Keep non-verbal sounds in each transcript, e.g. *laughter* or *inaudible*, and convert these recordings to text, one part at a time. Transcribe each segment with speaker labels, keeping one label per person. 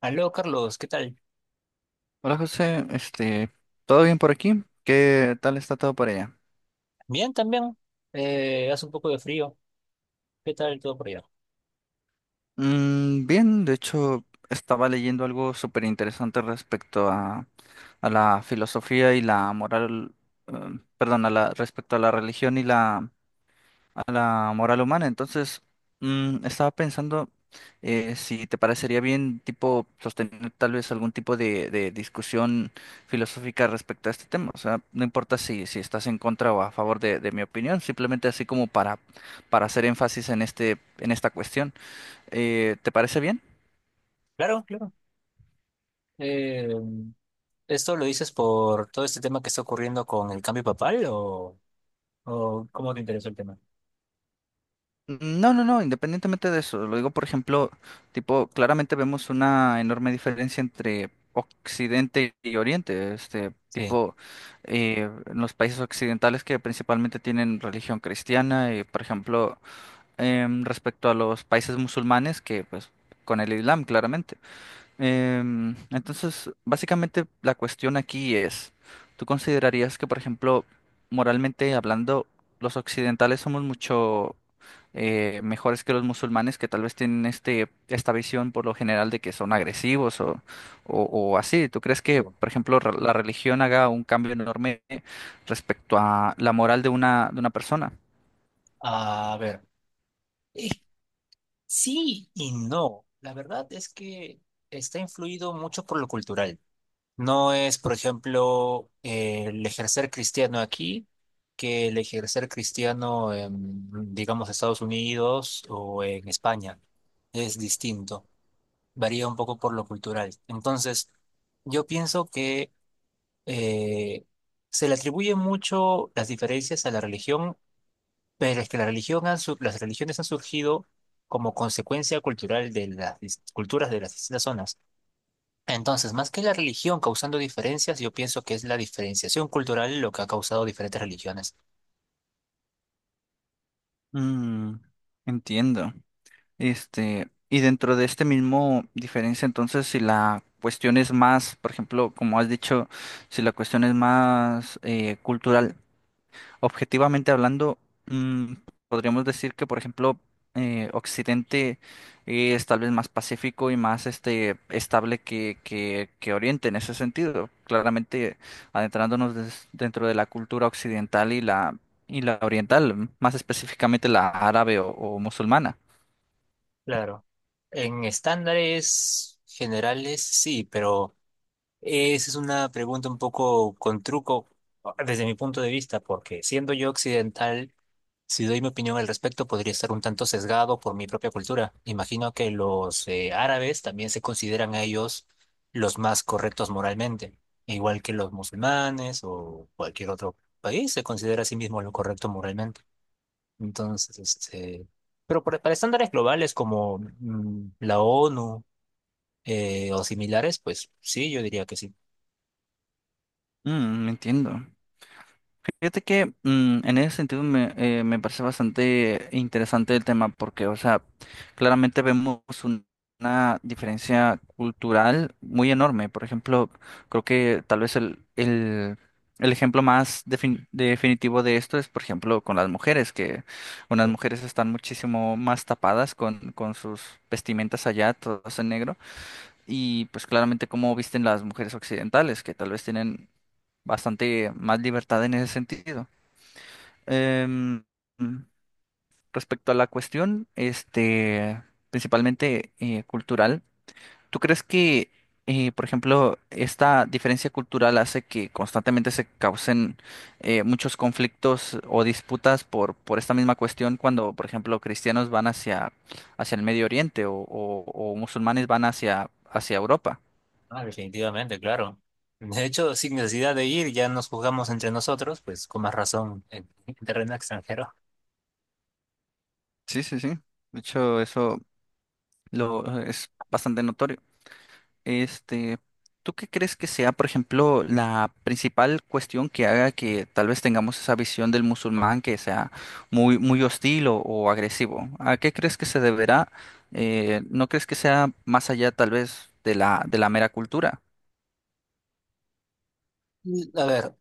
Speaker 1: Aló, Carlos, ¿qué tal?
Speaker 2: Hola José, ¿todo bien por aquí? ¿Qué tal está todo por allá?
Speaker 1: Bien, también. Hace un poco de frío. ¿Qué tal todo por allá?
Speaker 2: Bien, de hecho estaba leyendo algo súper interesante respecto a la filosofía y la moral, eh, perdón, respecto a la religión y la moral humana. Entonces, estaba pensando, si te parecería bien, tipo, sostener tal vez algún tipo de discusión filosófica respecto a este tema. O sea, no importa si estás en contra o a favor de mi opinión, simplemente así como para hacer énfasis en esta cuestión. ¿Te parece bien?
Speaker 1: Claro, claro. Eh, ¿Esto lo dices por todo este tema que está ocurriendo con el cambio papal o cómo te interesó el tema?
Speaker 2: No, no, no, independientemente de eso, lo digo por ejemplo, tipo, claramente vemos una enorme diferencia entre Occidente y Oriente, este
Speaker 1: Sí,
Speaker 2: tipo, en los países occidentales que principalmente tienen religión cristiana y por ejemplo, respecto a los países musulmanes que pues con el Islam, claramente. Entonces, básicamente la cuestión aquí es, ¿tú considerarías que, por ejemplo, moralmente hablando, los occidentales somos mucho mejores que los musulmanes que tal vez tienen esta visión por lo general de que son agresivos o así? ¿Tú crees que,
Speaker 1: digo.
Speaker 2: por ejemplo, la religión haga un cambio enorme respecto a la moral de una persona?
Speaker 1: A ver, eh, sí y no. La verdad es que está influido mucho por lo cultural. No es, por ejemplo, el ejercer cristiano aquí que el ejercer cristiano en, digamos, Estados Unidos o en España. Es distinto, varía un poco por lo cultural. Entonces, yo pienso que eh, se le atribuye mucho las diferencias a la religión, pero es que la religión han su- las religiones han surgido como consecuencia cultural de culturas de las distintas zonas. Entonces, más que la religión causando diferencias, yo pienso que es la diferenciación cultural lo que ha causado diferentes religiones.
Speaker 2: Mm, entiendo. Y dentro de este mismo diferencia, entonces, si la cuestión es más, por ejemplo, como has dicho, si la cuestión es más cultural, objetivamente hablando, mm, podríamos decir que, por ejemplo, Occidente es tal vez más pacífico y más estable que Oriente en ese sentido. Claramente adentrándonos dentro de la cultura occidental y la oriental, más específicamente la árabe o musulmana.
Speaker 1: Claro. En estándares generales, sí, pero esa es una pregunta un poco con truco desde mi punto de vista, porque siendo yo occidental, si doy mi opinión al respecto, podría estar un tanto sesgado por mi propia cultura. Imagino que los árabes también se consideran a ellos los más correctos moralmente, igual que los musulmanes o cualquier otro país se considera a sí mismo lo correcto moralmente. Entonces, pero para estándares globales como mm, la ONU, o similares, pues sí, yo diría que sí.
Speaker 2: Mm, entiendo. Fíjate que en ese sentido me parece bastante interesante el tema porque, o sea, claramente vemos una diferencia cultural muy enorme. Por ejemplo, creo que tal vez el ejemplo definitivo de esto es, por ejemplo, con las mujeres, que unas mujeres están muchísimo más tapadas con sus vestimentas allá, todas en negro y pues claramente cómo visten las mujeres occidentales, que tal vez tienen bastante más libertad en ese sentido. Em, Respecto a la cuestión, principalmente cultural, ¿tú crees que, por ejemplo, esta diferencia cultural hace que constantemente se causen muchos conflictos o disputas por esta misma cuestión cuando, por ejemplo, cristianos van hacia el Medio Oriente o musulmanes van hacia Europa?
Speaker 1: Ah, definitivamente, claro. De hecho, sin necesidad de ir, ya nos jugamos entre nosotros, pues con más razón en terreno extranjero.
Speaker 2: Sí, sí, sí. De hecho, eso lo es bastante notorio. Este, ¿Tú qué crees que sea, por ejemplo, la principal cuestión que haga que tal vez tengamos esa visión del musulmán que sea muy, muy hostil o agresivo? ¿A qué crees que se deberá? ¿No crees que sea más allá tal vez de la mera cultura?
Speaker 1: Mm, a ver,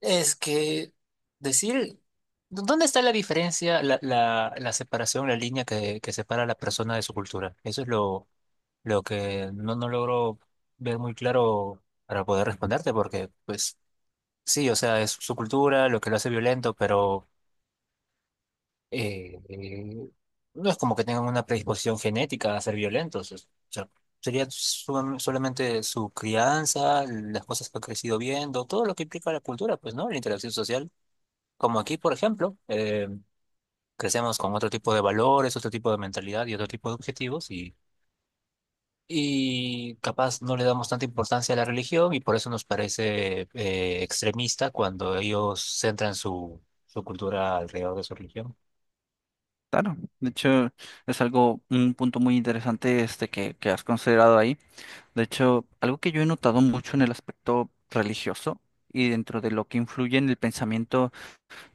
Speaker 1: es que decir, ¿dónde está la diferencia, la separación, la línea que separa a la persona de su cultura? Eso es lo que no, no logro ver muy claro para poder responderte, porque pues sí, o sea, es su cultura lo que lo hace violento, pero... eh, eh, no es como que tengan una predisposición genética a ser violentos. O sea, sería solamente su crianza, las cosas que ha crecido viendo, todo lo que implica la cultura, pues, ¿no? La interacción social. Como aquí, por ejemplo, crecemos con otro tipo de valores, otro tipo de mentalidad y otro tipo de objetivos y capaz no le damos tanta importancia a la religión y por eso nos parece extremista cuando ellos centran su, su cultura alrededor de su religión.
Speaker 2: Claro, de hecho es algo, un punto muy interesante este que has considerado ahí. De hecho, algo que yo he notado mucho en el aspecto religioso y dentro de lo que influye en el pensamiento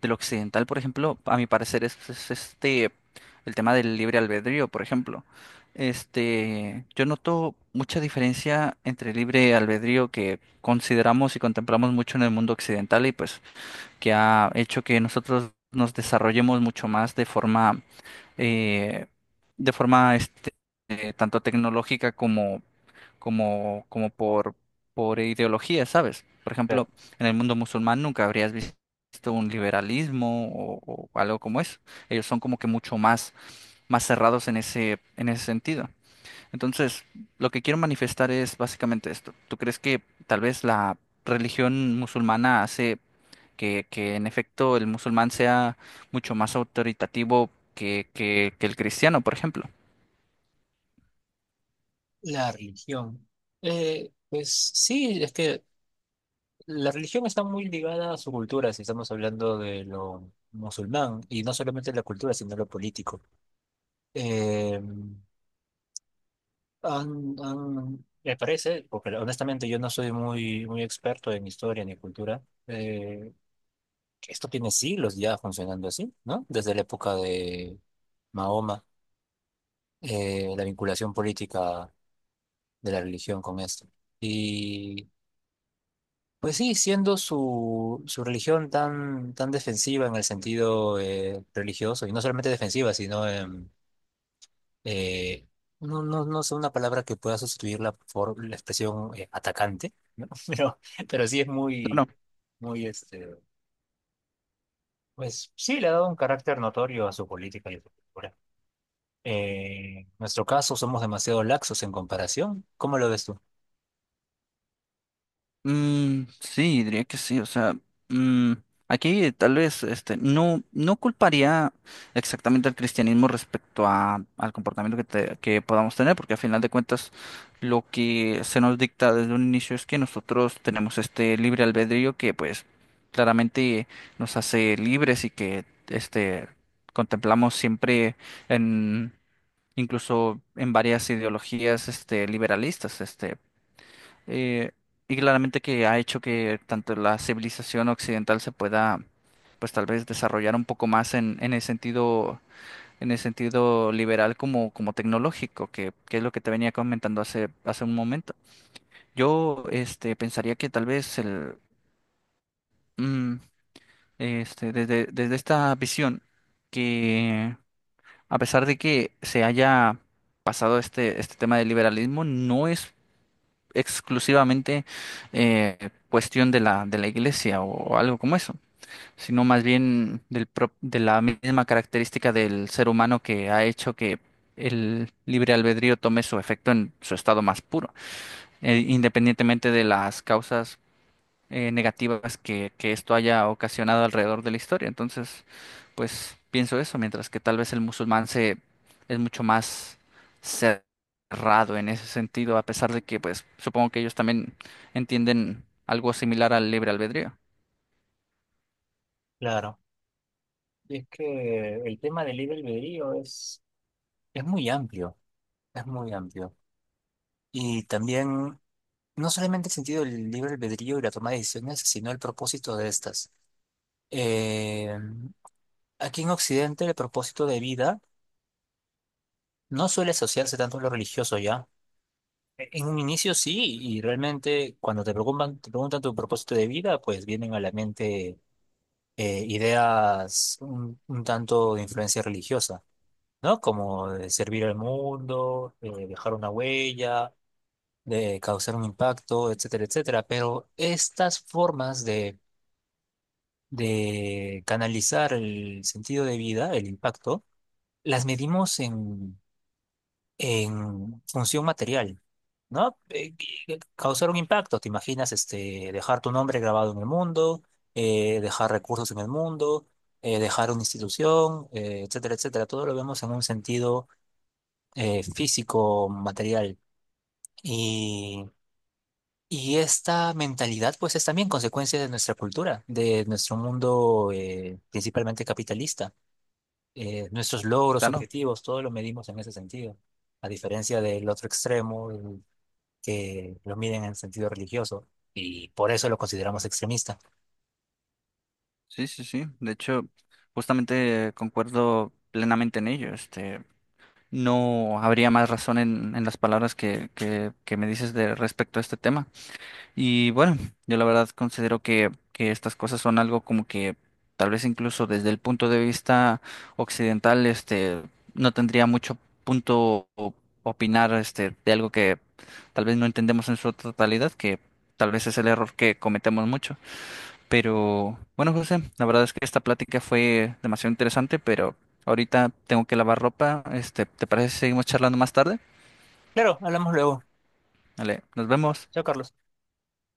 Speaker 2: del occidental, por ejemplo, a mi parecer es este el tema del libre albedrío, por ejemplo. Yo noto mucha diferencia entre el libre albedrío que consideramos y contemplamos mucho en el mundo occidental y pues que ha hecho que nosotros nos desarrollemos mucho más de forma, eh, de forma, tanto tecnológica como por ideología, ¿sabes? Por ejemplo, en el mundo musulmán nunca habrías visto un liberalismo o algo como eso. Ellos son como que mucho más cerrados en ese sentido. Entonces, lo que quiero manifestar es básicamente esto. ¿Tú crees que tal vez la religión musulmana hace que en efecto el musulmán sea mucho más autoritativo que el cristiano, por ejemplo?
Speaker 1: La religión. Pues sí, es que la religión está muy ligada a su cultura, si estamos hablando de lo musulmán, y no solamente la cultura, sino lo político. Eh, Me parece, porque honestamente yo no soy muy, muy experto en historia ni cultura, eh, que esto tiene siglos ya funcionando así, ¿no? Desde la época de Mahoma, la vinculación política de la religión con esto. Pues sí, siendo su, su religión tan, tan defensiva en el sentido religioso, y no solamente defensiva, sino eh, no, no, no sé una palabra que pueda sustituirla por la expresión atacante, *laughs* pero, pero sí es muy, muy este, pues sí le ha dado un carácter notorio a su política y a su cultura. En nuestro caso somos demasiado laxos en comparación. ¿Cómo lo ves tú?
Speaker 2: Mm, sí, diría que sí. O sea, mm, aquí tal vez no, no culparía exactamente al cristianismo respecto al comportamiento que, que podamos tener, porque a final de cuentas lo que se nos dicta desde un inicio es que nosotros tenemos este libre albedrío que pues claramente nos hace libres y que contemplamos siempre en... Incluso en varias ideologías liberalistas. Eh, y claramente que ha hecho que tanto la civilización occidental se pueda, pues tal vez desarrollar un poco más en el sentido liberal como tecnológico, que es lo que te venía comentando hace un momento. Yo, pensaría que tal vez el, mm, este, desde, desde esta visión, que a pesar de que se haya pasado este tema del liberalismo, no es exclusivamente eh, cuestión de de la iglesia o algo como eso, sino más bien de la misma característica del ser humano que ha hecho que el libre albedrío tome su efecto en su estado más puro, independientemente de las causas negativas que esto haya ocasionado alrededor de la historia. Entonces, pues pienso eso, mientras que tal vez el musulmán se es mucho más cerrado en ese sentido, a pesar de que, pues, supongo que ellos también entienden algo similar al libre albedrío.
Speaker 1: Claro. Y es que el tema del libre albedrío es muy amplio, es muy amplio. Y también, no solamente el sentido del libre albedrío y la toma de decisiones, sino el propósito de estas. Eh, Aquí en Occidente, el propósito de vida no suele asociarse tanto a lo religioso ya. En un inicio sí, y realmente cuando te preguntan tu propósito de vida, pues vienen a la mente ideas un tanto de influencia religiosa, ¿no? Como de servir al mundo, dejar una huella de causar un impacto, etcétera, etcétera. Pero estas formas de canalizar el sentido de vida, el impacto, las medimos en función material, ¿no? Causar un impacto, te imaginas este, dejar tu nombre grabado en el mundo, dejar recursos en el mundo, dejar una institución, etcétera, etcétera. Todo lo vemos en un sentido físico, material. Y esta mentalidad, pues, es también consecuencia de nuestra cultura, de nuestro mundo principalmente capitalista. Nuestros logros,
Speaker 2: Claro,
Speaker 1: objetivos, todo lo medimos en ese sentido, a diferencia del otro extremo, el que lo miden en sentido religioso, y por eso lo consideramos extremista.
Speaker 2: sí, sí, sí. De hecho, justamente concuerdo plenamente en ello. No habría más razón en las palabras que me dices de respecto a este tema. Y bueno, yo la verdad considero que estas cosas son algo como que tal vez incluso desde el punto de vista occidental, no tendría mucho punto opinar, de algo que tal vez no entendemos en su totalidad, que tal vez es el error que cometemos mucho. Pero bueno, José, la verdad es que esta plática fue demasiado interesante, pero ahorita tengo que lavar ropa. ¿Te parece si seguimos charlando más tarde?
Speaker 1: Claro, hablamos luego.
Speaker 2: Vale, nos vemos.
Speaker 1: Chao, Carlos.